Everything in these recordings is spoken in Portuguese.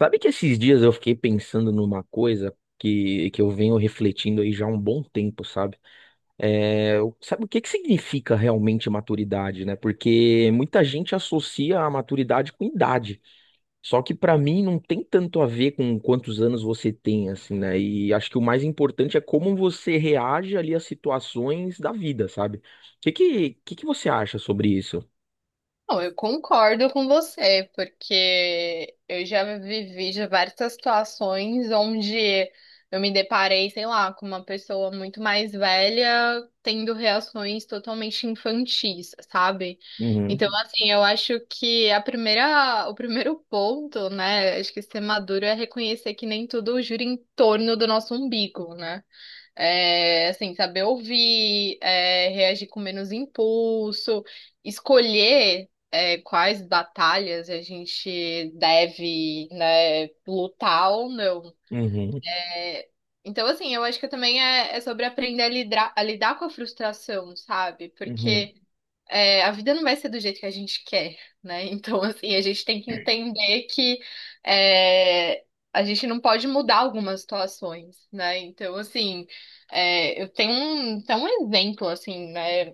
Sabe que esses dias eu fiquei pensando numa coisa que eu venho refletindo aí já há um bom tempo, sabe? Sabe o que que significa realmente maturidade, né? Porque muita gente associa a maturidade com idade. Só que pra mim não tem tanto a ver com quantos anos você tem, assim, né? E acho que o mais importante é como você reage ali às situações da vida, sabe? O que que você acha sobre isso? Não, eu concordo com você, porque eu já vivi diversas situações onde eu me deparei, sei lá, com uma pessoa muito mais velha tendo reações totalmente infantis, sabe? Então, Uhum, assim, eu acho que o primeiro ponto, né, acho que ser maduro é reconhecer que nem tudo gira em torno do nosso umbigo, né? É, assim, saber ouvir, reagir com menos impulso, escolher, quais batalhas a gente deve, né, lutar ou não. uhum, É, então, assim, eu acho que também é sobre aprender a lidar com a frustração, sabe? uhum, Porque a vida não vai ser do jeito que a gente quer, né? Então, assim, a gente tem que entender que é, a gente não pode mudar algumas situações, né? Então, assim, eu tenho um exemplo, assim, né?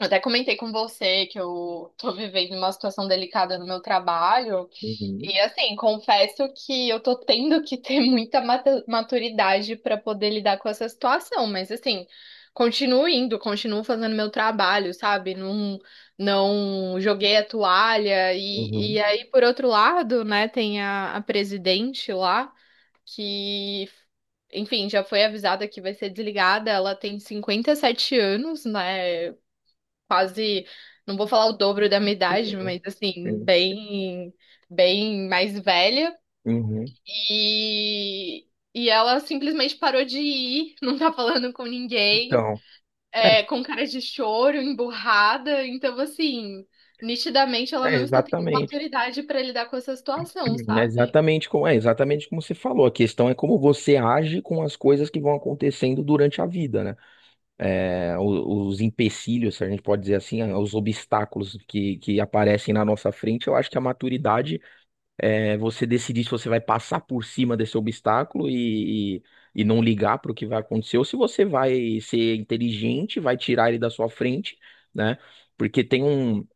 Eu até comentei com você que eu tô vivendo uma situação delicada no meu trabalho. uhum, uhum, E assim, confesso que eu tô tendo que ter muita maturidade para poder lidar com essa situação, mas assim, continuo indo, continuo fazendo meu trabalho, sabe? Não, não joguei a toalha. E, uhum. e aí, por outro lado, né, tem a presidente lá que enfim, já foi avisada que vai ser desligada. Ela tem 57 anos, né? Quase, não vou falar o dobro da minha Sim, idade, mas assim, sim. bem, bem mais velha. Uhum. E, e ela simplesmente parou de ir, não tá falando com ninguém, Então, é, com cara de choro, emburrada. Então, assim, nitidamente ela é não está tendo exatamente, maturidade para lidar com essa situação, sabe? É exatamente como você falou. A questão é como você age com as coisas que vão acontecendo durante a vida, né? É, empecilhos, se a gente pode dizer assim, os obstáculos que aparecem na nossa frente. Eu acho que a maturidade é você decidir se você vai passar por cima desse obstáculo e não ligar para o que vai acontecer, ou se você vai ser inteligente, vai tirar ele da sua frente, né? Porque tem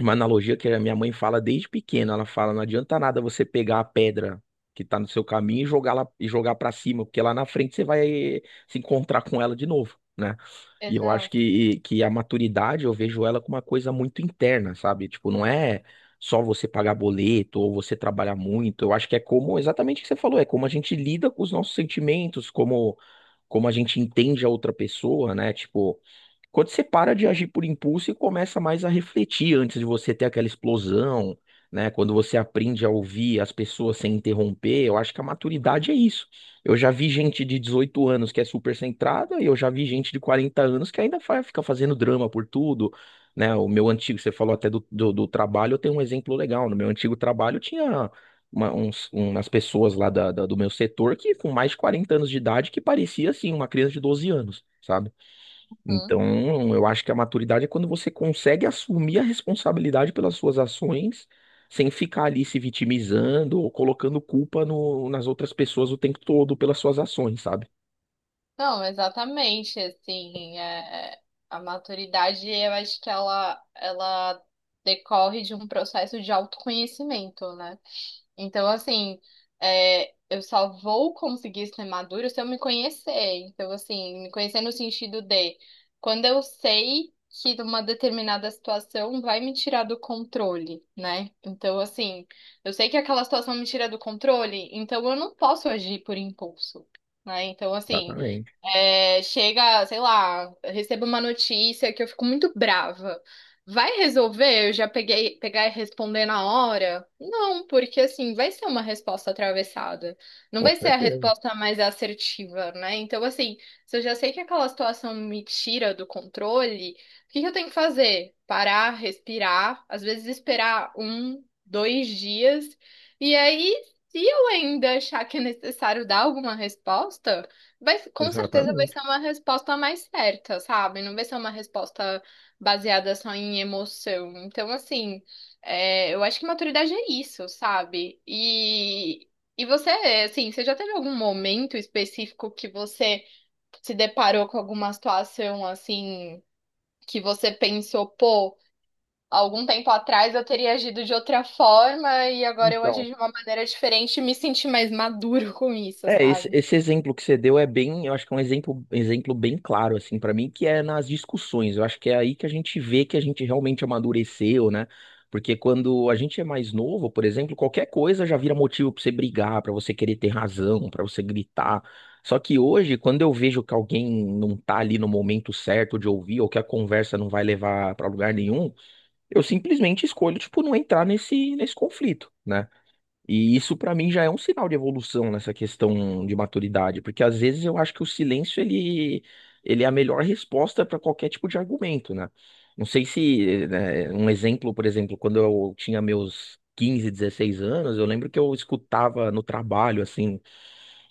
uma analogia que a minha mãe fala desde pequena. Ela fala, não adianta nada você pegar a pedra que tá no seu caminho e jogar lá e jogar para cima, porque lá na frente você vai se encontrar com ela de novo, né? E eu acho Exato. que a maturidade, eu vejo ela como uma coisa muito interna, sabe? Tipo, não é só você pagar boleto ou você trabalhar muito. Eu acho que é como, exatamente o que você falou, é como a gente lida com os nossos sentimentos, como a gente entende a outra pessoa, né? Tipo, quando você para de agir por impulso e começa mais a refletir antes de você ter aquela explosão, né? Quando você aprende a ouvir as pessoas sem interromper, eu acho que a maturidade é isso. Eu já vi gente de 18 anos que é super centrada e eu já vi gente de 40 anos que ainda fica fazendo drama por tudo, né? O meu antigo, você falou até do, do trabalho, eu tenho um exemplo legal. No meu antigo trabalho tinha umas pessoas lá da, do meu setor que com mais de 40 anos de idade que parecia, assim, uma criança de 12 anos. Sabe? Então, eu acho que a maturidade é quando você consegue assumir a responsabilidade pelas suas ações, sem ficar ali se vitimizando ou colocando culpa nas outras pessoas o tempo todo pelas suas ações, sabe? Não, exatamente, assim, a maturidade, eu acho que ela decorre de um processo de autoconhecimento, né? Então, assim, eu só vou conseguir ser madura se eu me conhecer. Então, assim, me conhecer no sentido de quando eu sei que uma determinada situação vai me tirar do controle, né? Então, assim, eu sei que aquela situação me tira do controle, então eu não posso agir por impulso. Né? Então, assim, Exatamente, chega, sei lá, eu recebo uma notícia que eu fico muito brava. Vai resolver? Pegar e responder na hora? Não, porque assim, vai ser uma resposta atravessada. Não com vai ser a certeza. resposta mais assertiva, né? Então, assim, se eu já sei que aquela situação me tira do controle, o que que eu tenho que fazer? Parar, respirar, às vezes esperar um, dois dias, e aí, se eu ainda achar que é necessário dar alguma resposta. Vai, com certeza vai Exatamente. ser uma resposta mais certa, sabe? Não vai ser uma resposta baseada só em emoção. Então, assim, eu acho que maturidade é isso, sabe? E você, assim, você já teve algum momento específico que você se deparou com alguma situação, assim, que você pensou, pô, algum tempo atrás eu teria agido de outra forma e agora eu agi Então, de uma maneira diferente e me senti mais maduro com isso, é, esse, sabe? esse exemplo que você deu é bem, eu acho que é um exemplo, exemplo bem claro, assim, pra mim, que é nas discussões. Eu acho que é aí que a gente vê que a gente realmente amadureceu, né? Porque quando a gente é mais novo, por exemplo, qualquer coisa já vira motivo pra você brigar, pra você querer ter razão, pra você gritar. Só que hoje, quando eu vejo que alguém não tá ali no momento certo de ouvir, ou que a conversa não vai levar pra lugar nenhum, eu simplesmente escolho, tipo, não entrar nesse conflito, né? E isso pra mim já é um sinal de evolução nessa questão de maturidade, porque às vezes eu acho que o silêncio ele é a melhor resposta para qualquer tipo de argumento, né? Não sei se, né, um exemplo, por exemplo, quando eu tinha meus 15, 16 anos, eu lembro que eu escutava no trabalho, assim,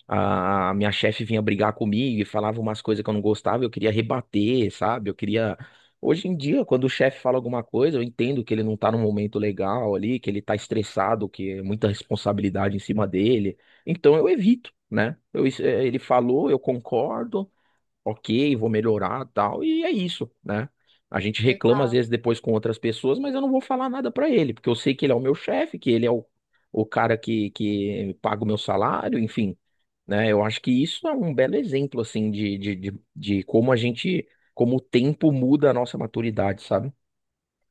a minha chefe vinha brigar comigo e falava umas coisas que eu não gostava, eu queria rebater, sabe? Eu queria. Hoje em dia, quando o chefe fala alguma coisa, eu entendo que ele não tá num momento legal ali, que ele tá estressado, que é muita responsabilidade em cima dele. Então eu evito, né? Ele falou, eu concordo, ok, vou melhorar, tal, e é isso, né? A gente reclama às Exato. vezes depois com outras pessoas, mas eu não vou falar nada pra ele, porque eu sei que ele é o meu chefe, que ele é o cara que paga o meu salário, enfim, né? Eu acho que isso é um belo exemplo, assim, de como a gente, como o tempo muda a nossa maturidade, sabe?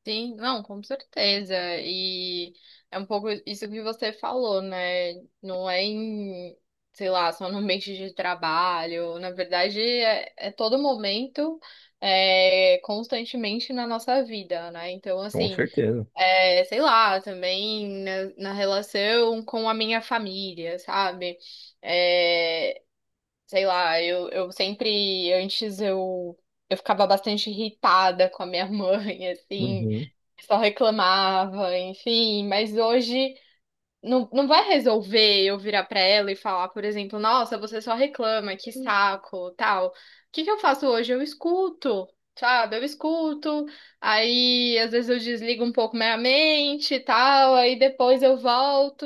Sim, não, com certeza. E é um pouco isso que você falou, né? Não é em, sei lá, só no ambiente de trabalho. Na verdade, é todo momento, constantemente na nossa vida, né? Então, Com assim, certeza. Sei lá, também na relação com a minha família, sabe? É, sei lá, eu sempre, antes eu. Eu ficava bastante irritada com a minha mãe, assim, Uhum, só reclamava, enfim, mas hoje. Não, não vai resolver eu virar pra ela e falar, por exemplo, nossa, você só reclama, que saco, tal. O que que eu faço hoje? Eu escuto, sabe? Eu escuto, aí às vezes eu desligo um pouco minha mente e tal, aí depois eu volto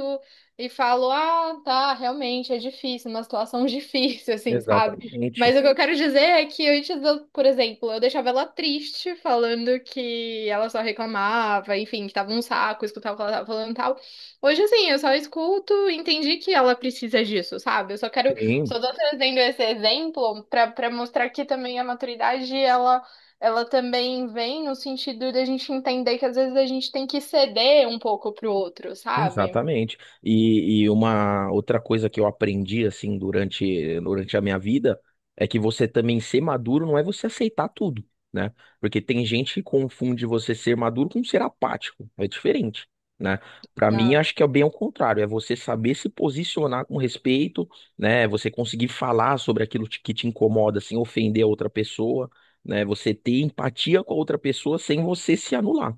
e falo, ah, tá, realmente é difícil, uma situação difícil, assim, sabe? exatamente. Mas o que eu quero dizer é que antes, eu, por exemplo, eu deixava ela triste, falando que ela só reclamava, enfim, que tava um saco, escutava o que ela tava falando e tal. Hoje, assim, eu só escuto e entendi que ela precisa disso, sabe? Eu só quero, Sim, só tô trazendo esse exemplo pra para mostrar que também a maturidade, ela também vem no sentido da gente entender que às vezes a gente tem que ceder um pouco pro outro, sabe? exatamente. E uma outra coisa que eu aprendi assim durante a minha vida é que você também ser maduro não é você aceitar tudo, né? Porque tem gente que confunde você ser maduro com ser apático. É diferente, né? Para mim, Exato. acho que é bem ao contrário, é você saber se posicionar com respeito, né? Você conseguir falar sobre aquilo que te incomoda sem ofender a outra pessoa, né? Você ter empatia com a outra pessoa sem você se anular,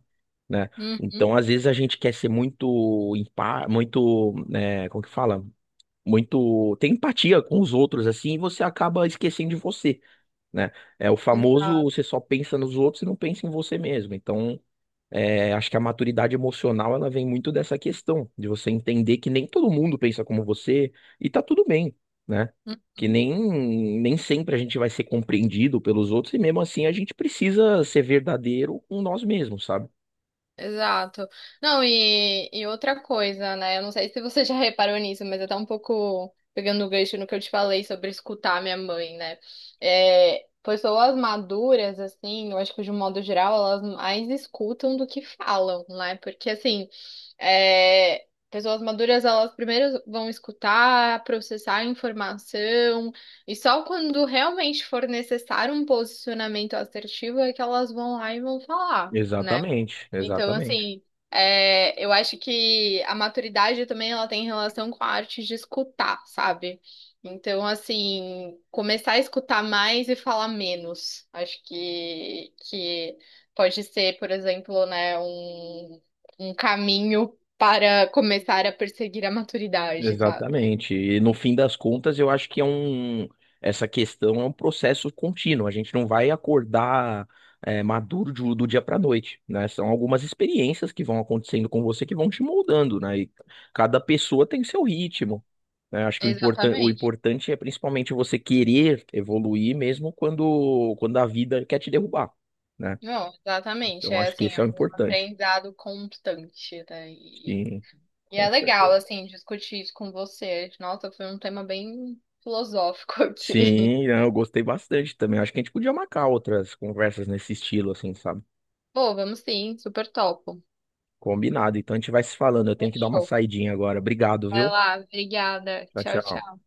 né? Uhum, Então, às vezes a gente quer ser muito, muito, né, como que fala? Muito, tem empatia com os outros assim, e você acaba esquecendo de você, né? É o famoso, exato. você só pensa nos outros e não pensa em você mesmo. Então, acho que a maturidade emocional ela vem muito dessa questão de você entender que nem todo mundo pensa como você e tá tudo bem, né? Que Uhum. nem, nem sempre a gente vai ser compreendido pelos outros e mesmo assim a gente precisa ser verdadeiro com nós mesmos, sabe? Exato. Não, e outra coisa, né? Eu não sei se você já reparou nisso, mas eu tô um pouco pegando o gancho no que eu te falei sobre escutar minha mãe, né? É, pessoas maduras, assim, eu acho que de um modo geral, elas mais escutam do que falam, né? Porque, assim, pessoas maduras, elas primeiro vão escutar, processar a informação, e só quando realmente for necessário um posicionamento assertivo é que elas vão lá e vão falar, né? Exatamente, Então, exatamente, assim, eu acho que a maturidade também ela tem relação com a arte de escutar, sabe? Então, assim, começar a escutar mais e falar menos. Acho que pode ser, por exemplo, né, um caminho para começar a perseguir a maturidade, sabe? exatamente. E no fim das contas, eu acho que essa questão é um processo contínuo. A gente não vai acordar maduro do dia para noite, né? São algumas experiências que vão acontecendo com você que vão te moldando, né? E cada pessoa tem seu ritmo, né? Acho que o importan o Exatamente. importante é principalmente você querer evoluir mesmo quando a vida quer te derrubar, né? Não, exatamente. Então É acho que assim, isso é é o um importante. aprendizado constante, né? E Sim, é com legal, certeza. assim, discutir isso com você. Nossa, foi um tema bem filosófico aqui. Sim, não, eu gostei bastante também. Acho que a gente podia marcar outras conversas nesse estilo, assim, sabe? Pô, vamos sim, super topo. Combinado. Então a gente vai se falando. Eu tenho que dar uma Fechou. saidinha agora. Obrigado, Vai viu? lá, obrigada. Tchau, Tchau, tchau. tchau.